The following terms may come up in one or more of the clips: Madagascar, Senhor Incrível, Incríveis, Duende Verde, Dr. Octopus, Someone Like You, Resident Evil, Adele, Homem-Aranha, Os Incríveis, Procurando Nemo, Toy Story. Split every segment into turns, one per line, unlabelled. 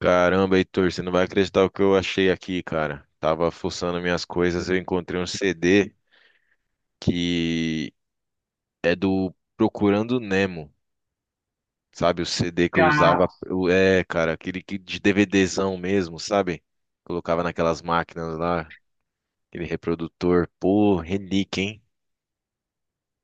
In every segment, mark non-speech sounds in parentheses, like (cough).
Caramba, Heitor, você não vai acreditar o que eu achei aqui, cara. Tava fuçando minhas coisas, eu encontrei um CD que é do Procurando Nemo, sabe? O CD que eu
Cara,
usava, cara, aquele que de DVDzão mesmo, sabe? Colocava naquelas máquinas lá, aquele reprodutor. Pô, relíquia, hein?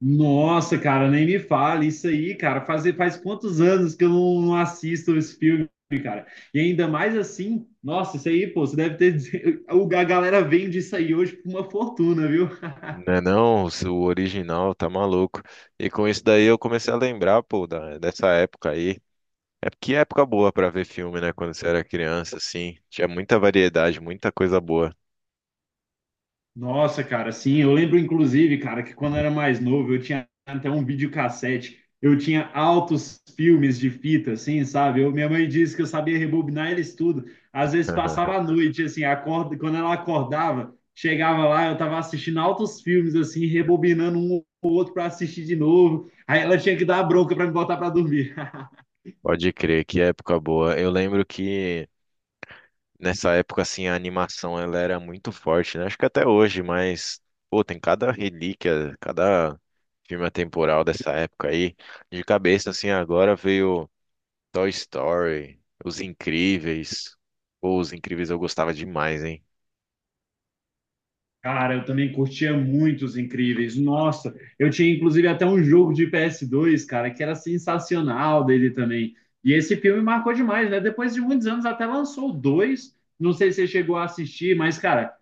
nossa, cara, nem me fale isso aí, cara. Faz quantos anos que eu não assisto esse filme, cara? E ainda mais assim, nossa, isso aí, pô, você deve ter. (laughs) A galera vende isso aí hoje por uma fortuna, viu?
Não é não, o seu original tá maluco. E com isso daí eu comecei a lembrar, pô, dessa época aí. É que época boa pra ver filme, né? Quando você era criança, assim. Tinha muita variedade, muita coisa boa.
Nossa, cara, sim, eu lembro inclusive, cara, que quando eu era mais novo, eu tinha até um videocassete, eu tinha altos filmes de fita, assim, sabe? Eu, minha mãe disse que eu sabia rebobinar eles tudo. Às vezes passava
(laughs)
a noite, assim, acorda, quando ela acordava, chegava lá, eu tava assistindo altos filmes, assim, rebobinando um ou outro para assistir de novo. Aí ela tinha que dar a bronca para me botar para dormir.
Pode crer, que época boa. Eu lembro que nessa época, assim, a animação ela era muito forte, né? Acho que até hoje, mas, pô, tem cada relíquia, cada filme atemporal dessa época aí. De cabeça, assim, agora veio Toy Story, Os Incríveis. Pô, Os Incríveis eu gostava demais, hein?
Cara, eu também curtia muito os Incríveis. Nossa, eu tinha inclusive até um jogo de PS2, cara, que era sensacional dele também. E esse filme marcou demais, né? Depois de muitos anos até lançou o dois. Não sei se você chegou a assistir, mas, cara,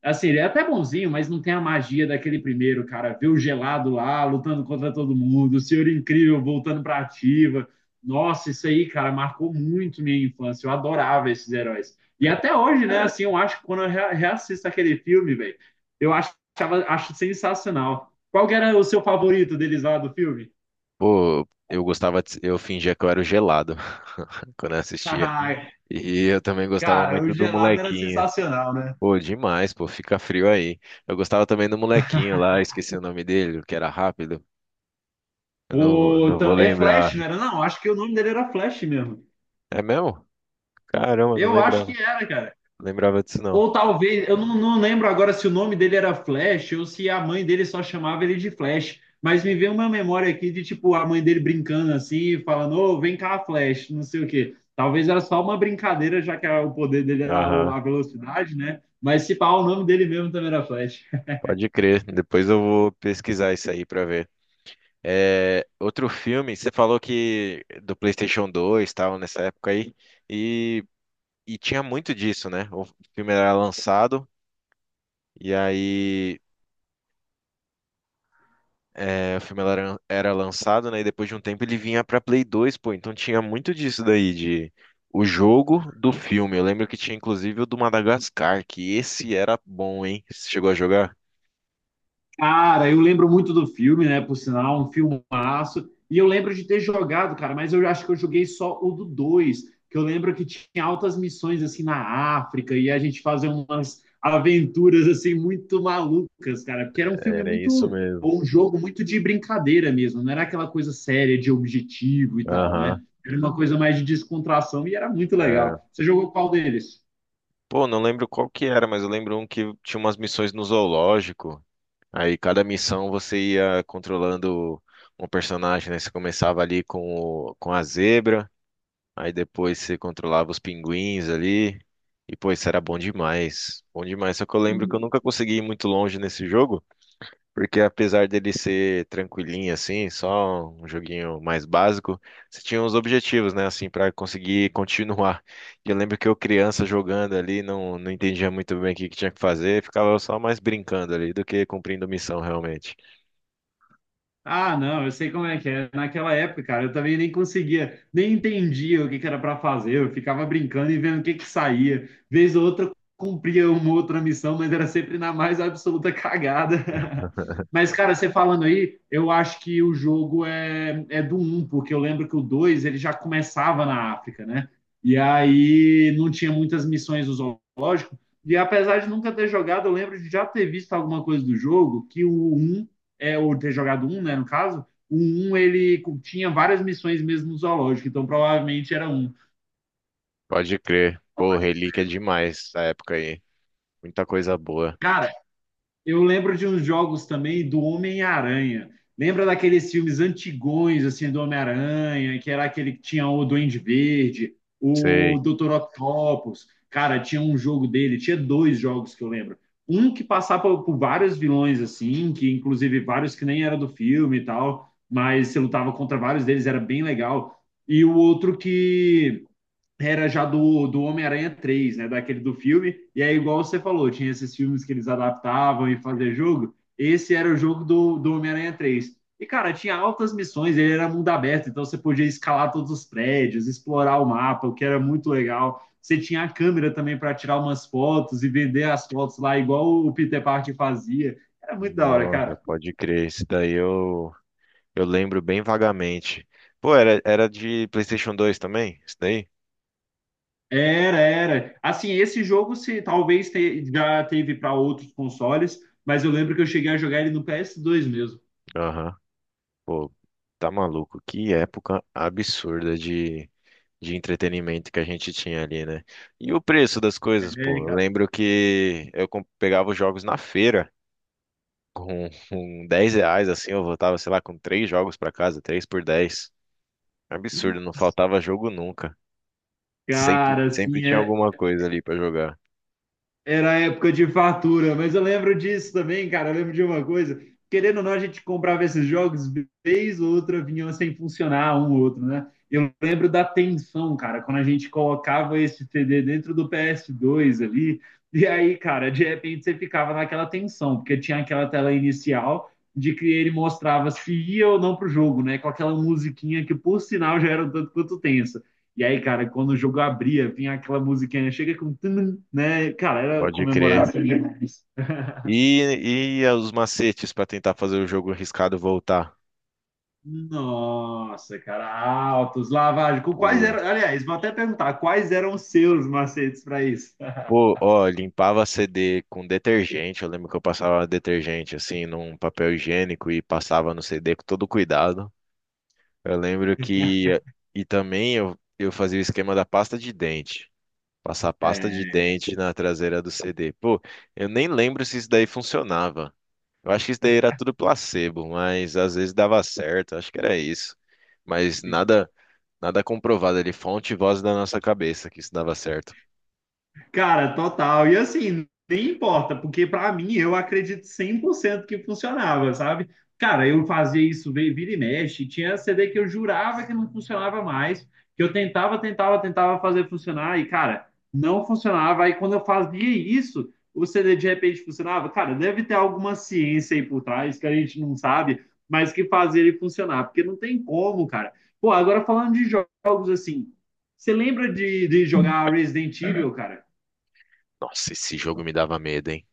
assim, ele é até bonzinho, mas não tem a magia daquele primeiro, cara. Ver o gelado lá, lutando contra todo mundo, o Senhor Incrível voltando pra ativa. Nossa, isso aí, cara, marcou muito minha infância. Eu adorava esses heróis. E até hoje, né, assim, eu acho que quando eu reassisto aquele filme, velho, eu achava, acho sensacional. Qual que era o seu favorito deles lá do filme? (laughs)
Pô, eu gostava de... Eu fingia que eu era o gelado (laughs) quando eu assistia. E eu também gostava
Cara, o
muito do
gelado era
molequinho.
sensacional, né?
Pô, demais, pô, fica frio aí. Eu gostava também do molequinho lá, esqueci o nome dele, que era rápido. Eu não, vou-
Pô,
não vou
é Flash,
lembrar.
não era? Não, acho que o nome dele era Flash mesmo.
É mesmo? Caramba, não
Eu acho
lembrava.
que era, cara.
Não lembrava disso não.
Ou talvez, eu não lembro agora se o nome dele era Flash ou se a mãe dele só chamava ele de Flash. Mas me veio uma memória aqui de, tipo, a mãe dele brincando assim, falando, ô, vem cá, Flash, não sei o quê. Talvez era só uma brincadeira, já que o poder dele era
Aham,
a velocidade, né? Mas se pá, o nome dele mesmo também era Flash.
pode crer. Depois eu vou pesquisar isso aí pra ver. É, outro filme, você falou que do PlayStation 2 tal, nessa época aí. E, tinha muito disso, né? O filme era lançado. E aí É, o filme era lançado, né? E depois de um tempo ele vinha pra Play 2, pô. Então tinha muito disso daí, de o jogo do filme. Eu lembro que tinha inclusive o do Madagascar, que esse era bom, hein? Você chegou a jogar?
Cara, eu lembro muito do filme, né? Por sinal, um filmaço. E eu lembro de ter jogado, cara, mas eu acho que eu joguei só o do 2. Que eu lembro que tinha altas missões assim na África e a gente fazia umas aventuras assim muito malucas, cara, porque era um filme
Era isso
muito
mesmo.
ou um jogo muito de brincadeira mesmo, não era aquela coisa séria de objetivo e tal,
Aham,
né? Era uma coisa mais de descontração e era muito
era.
legal. Você jogou qual deles?
Pô, não lembro qual que era, mas eu lembro um que tinha umas missões no zoológico. Aí cada missão você ia controlando um personagem, né? Você começava ali com, com a zebra. Aí depois você controlava os pinguins ali. E, pô, isso era bom demais. Bom demais. Só que eu lembro que eu nunca consegui ir muito longe nesse jogo, porque apesar dele ser tranquilinho, assim, só um joguinho mais básico, você tinha uns objetivos, né, assim, pra conseguir continuar. E eu lembro que eu, criança, jogando ali, não entendia muito bem o que que tinha que fazer, ficava só mais brincando ali do que cumprindo missão, realmente.
Ah, não, eu sei como é que é. Naquela época, cara, eu também nem conseguia, nem entendia o que que era para fazer. Eu ficava brincando e vendo o que que saía. Vez ou outra, eu cumpria uma outra missão, mas era sempre na mais absoluta cagada.
(laughs)
(laughs) Mas, cara, você falando aí, eu acho que o jogo é do um, porque eu lembro que o 2 ele já começava na África, né? E aí não tinha muitas missões no zoológico. E apesar de nunca ter jogado, eu lembro de já ter visto alguma coisa do jogo, que o um é, ou ter jogado um, né, no caso, o um ele tinha várias missões mesmo no zoológico, então provavelmente era um.
Pode crer. Pô, relíquia é demais essa época aí. Muita coisa boa.
Cara, eu lembro de uns jogos também do Homem-Aranha. Lembra daqueles filmes antigões, assim, do Homem-Aranha, que era aquele que tinha o Duende Verde, o
Sei.
Dr. Octopus. Cara, tinha um jogo dele, tinha dois jogos que eu lembro. Um que passava por vários vilões, assim, que inclusive vários que nem era do filme e tal, mas você lutava contra vários deles, era bem legal. E o outro que era já do Homem-Aranha três, né? Daquele do filme. E aí, igual você falou, tinha esses filmes que eles adaptavam e faziam jogo. Esse era o jogo do Homem-Aranha três. E, cara, tinha altas missões, ele era mundo aberto, então você podia escalar todos os prédios, explorar o mapa, o que era muito legal. Você tinha a câmera também para tirar umas fotos e vender as fotos lá, igual o Peter Parker fazia. Era muito da hora,
Nossa,
cara.
pode crer. Eu lembro bem vagamente. Pô, era de PlayStation 2 também? Isso daí?
Era, era. Assim, esse jogo se talvez já teve para outros consoles, mas eu lembro que eu cheguei a jogar ele no PS2 mesmo.
Aham. Pô, tá maluco. Que época absurda de entretenimento que a gente tinha ali, né? E o preço das coisas, pô.
É,
Eu
cara.
lembro que eu pegava os jogos na feira com 10 reais, assim. Eu voltava, sei lá, com três jogos pra casa, três por 10. Absurdo, não faltava jogo nunca. Sempre,
Cara,
sempre
assim,
tinha
é,
alguma coisa ali pra jogar.
era a época de fatura, mas eu lembro disso também, cara. Eu lembro de uma coisa. Querendo ou não, a gente comprava esses jogos, vez ou outra vinham sem funcionar um ou outro, né? Eu lembro da tensão, cara, quando a gente colocava esse CD dentro do PS2 ali, e aí, cara, de repente você ficava naquela tensão, porque tinha aquela tela inicial de que ele mostrava se ia ou não pro jogo, né? Com aquela musiquinha que, por sinal, já era um tanto quanto tensa. E aí, cara, quando o jogo abria, vinha aquela musiquinha, chega com, tum, né? Cara, era
Pode crer.
comemoração demais.
E os macetes para tentar fazer o jogo arriscado voltar.
Nossa, cara, altos, lavagem. Quais
Pô,
eram, aliás, vou até perguntar, quais eram os seus macetes para isso? (laughs)
pô, ó, limpava CD com detergente. Eu lembro que eu passava detergente assim num papel higiênico e passava no CD com todo cuidado. Eu lembro que também eu fazia o esquema da pasta de dente. Passar pasta de
É.
dente na traseira do CD. Pô, eu nem lembro se isso daí funcionava. Eu acho que isso daí era tudo placebo, mas às vezes dava certo. Acho que era isso. Mas nada Nada comprovado ali, fonte e voz da nossa cabeça que isso dava certo.
Cara, total. E assim, nem importa, porque pra mim eu acredito 100% que funcionava, sabe? Cara, eu fazia isso vira e mexe, tinha CD que eu jurava que não funcionava mais, que eu tentava, tentava, tentava fazer funcionar e, cara, não funcionava. Aí quando eu fazia isso, o CD de repente funcionava. Cara, deve ter alguma ciência aí por trás que a gente não sabe, mas que fazia ele funcionar, porque não tem como, cara. Pô, agora falando de jogos assim, você lembra de jogar Resident Evil, cara?
Nossa, esse jogo me dava medo, hein?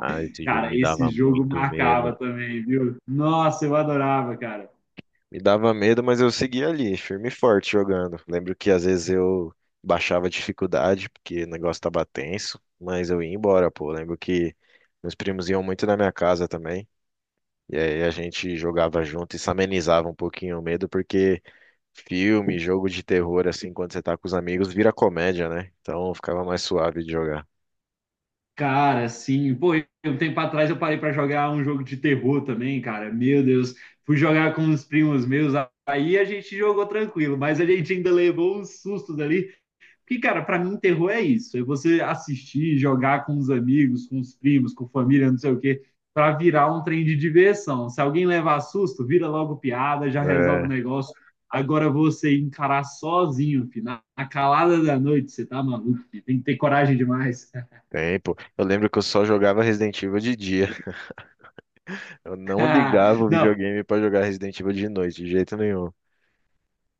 Ah, esse jogo
Cara,
me
esse
dava
jogo
muito
marcava
medo.
também, viu? Nossa, eu adorava, cara.
Me dava medo, mas eu seguia ali, firme e forte jogando. Lembro que às vezes eu baixava a dificuldade, porque o negócio tava tenso, mas eu ia embora, pô. Lembro que meus primos iam muito na minha casa também. E aí a gente jogava junto e se amenizava um pouquinho o medo, porque filme, jogo de terror, assim, quando você tá com os amigos, vira comédia, né? Então ficava mais suave de jogar.
Cara, sim. Pô, um tempo atrás eu parei pra jogar um jogo de terror também, cara. Meu Deus. Fui jogar com uns primos meus, aí a gente jogou tranquilo, mas a gente ainda levou uns sustos ali, porque, cara, para mim, terror é isso. É você assistir, jogar com os amigos, com os primos, com família, não sei o quê, para virar um trem de diversão. Se alguém levar susto, vira logo piada, já resolve
É,
o negócio. Agora você encarar sozinho, filho, na calada da noite, você tá maluco, filho. Tem que ter coragem demais.
tempo. Eu lembro que eu só jogava Resident Evil de dia. (laughs) Eu não ligava
(laughs)
o
Não,
videogame pra jogar Resident Evil de noite, de jeito nenhum.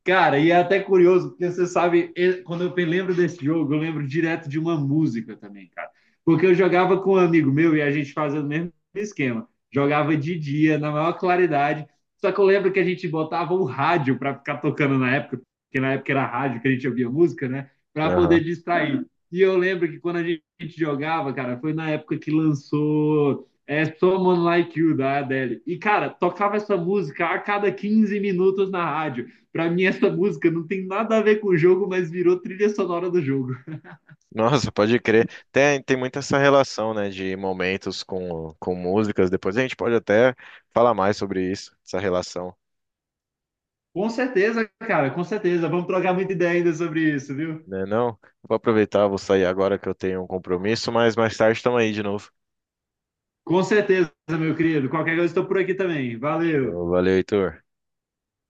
cara, e é até curioso, porque você sabe, quando eu lembro desse jogo, eu lembro direto de uma música também, cara. Porque eu jogava com um amigo meu e a gente fazia o mesmo esquema. Jogava de dia, na maior claridade. Só que eu lembro que a gente botava o rádio para ficar tocando na época, porque na época era rádio que a gente ouvia música, né? Para poder
Aham.
distrair. E eu lembro que quando a gente jogava, cara, foi na época que lançou, é, Someone Like You, da Adele. E, cara, tocava essa música a cada 15 minutos na rádio. Pra mim, essa música não tem nada a ver com o jogo, mas virou trilha sonora do jogo.
Nossa, pode crer. Tem muito essa relação, né, de momentos com músicas. Depois a gente pode até falar mais sobre isso, essa relação,
Com certeza, cara, com certeza. Vamos trocar muita ideia ainda sobre isso, viu?
né? Não? Vou aproveitar, vou sair agora que eu tenho um compromisso, mas mais tarde estamos aí de novo.
Com certeza, meu querido. Qualquer coisa, estou por aqui também. Valeu.
Show, valeu, Heitor.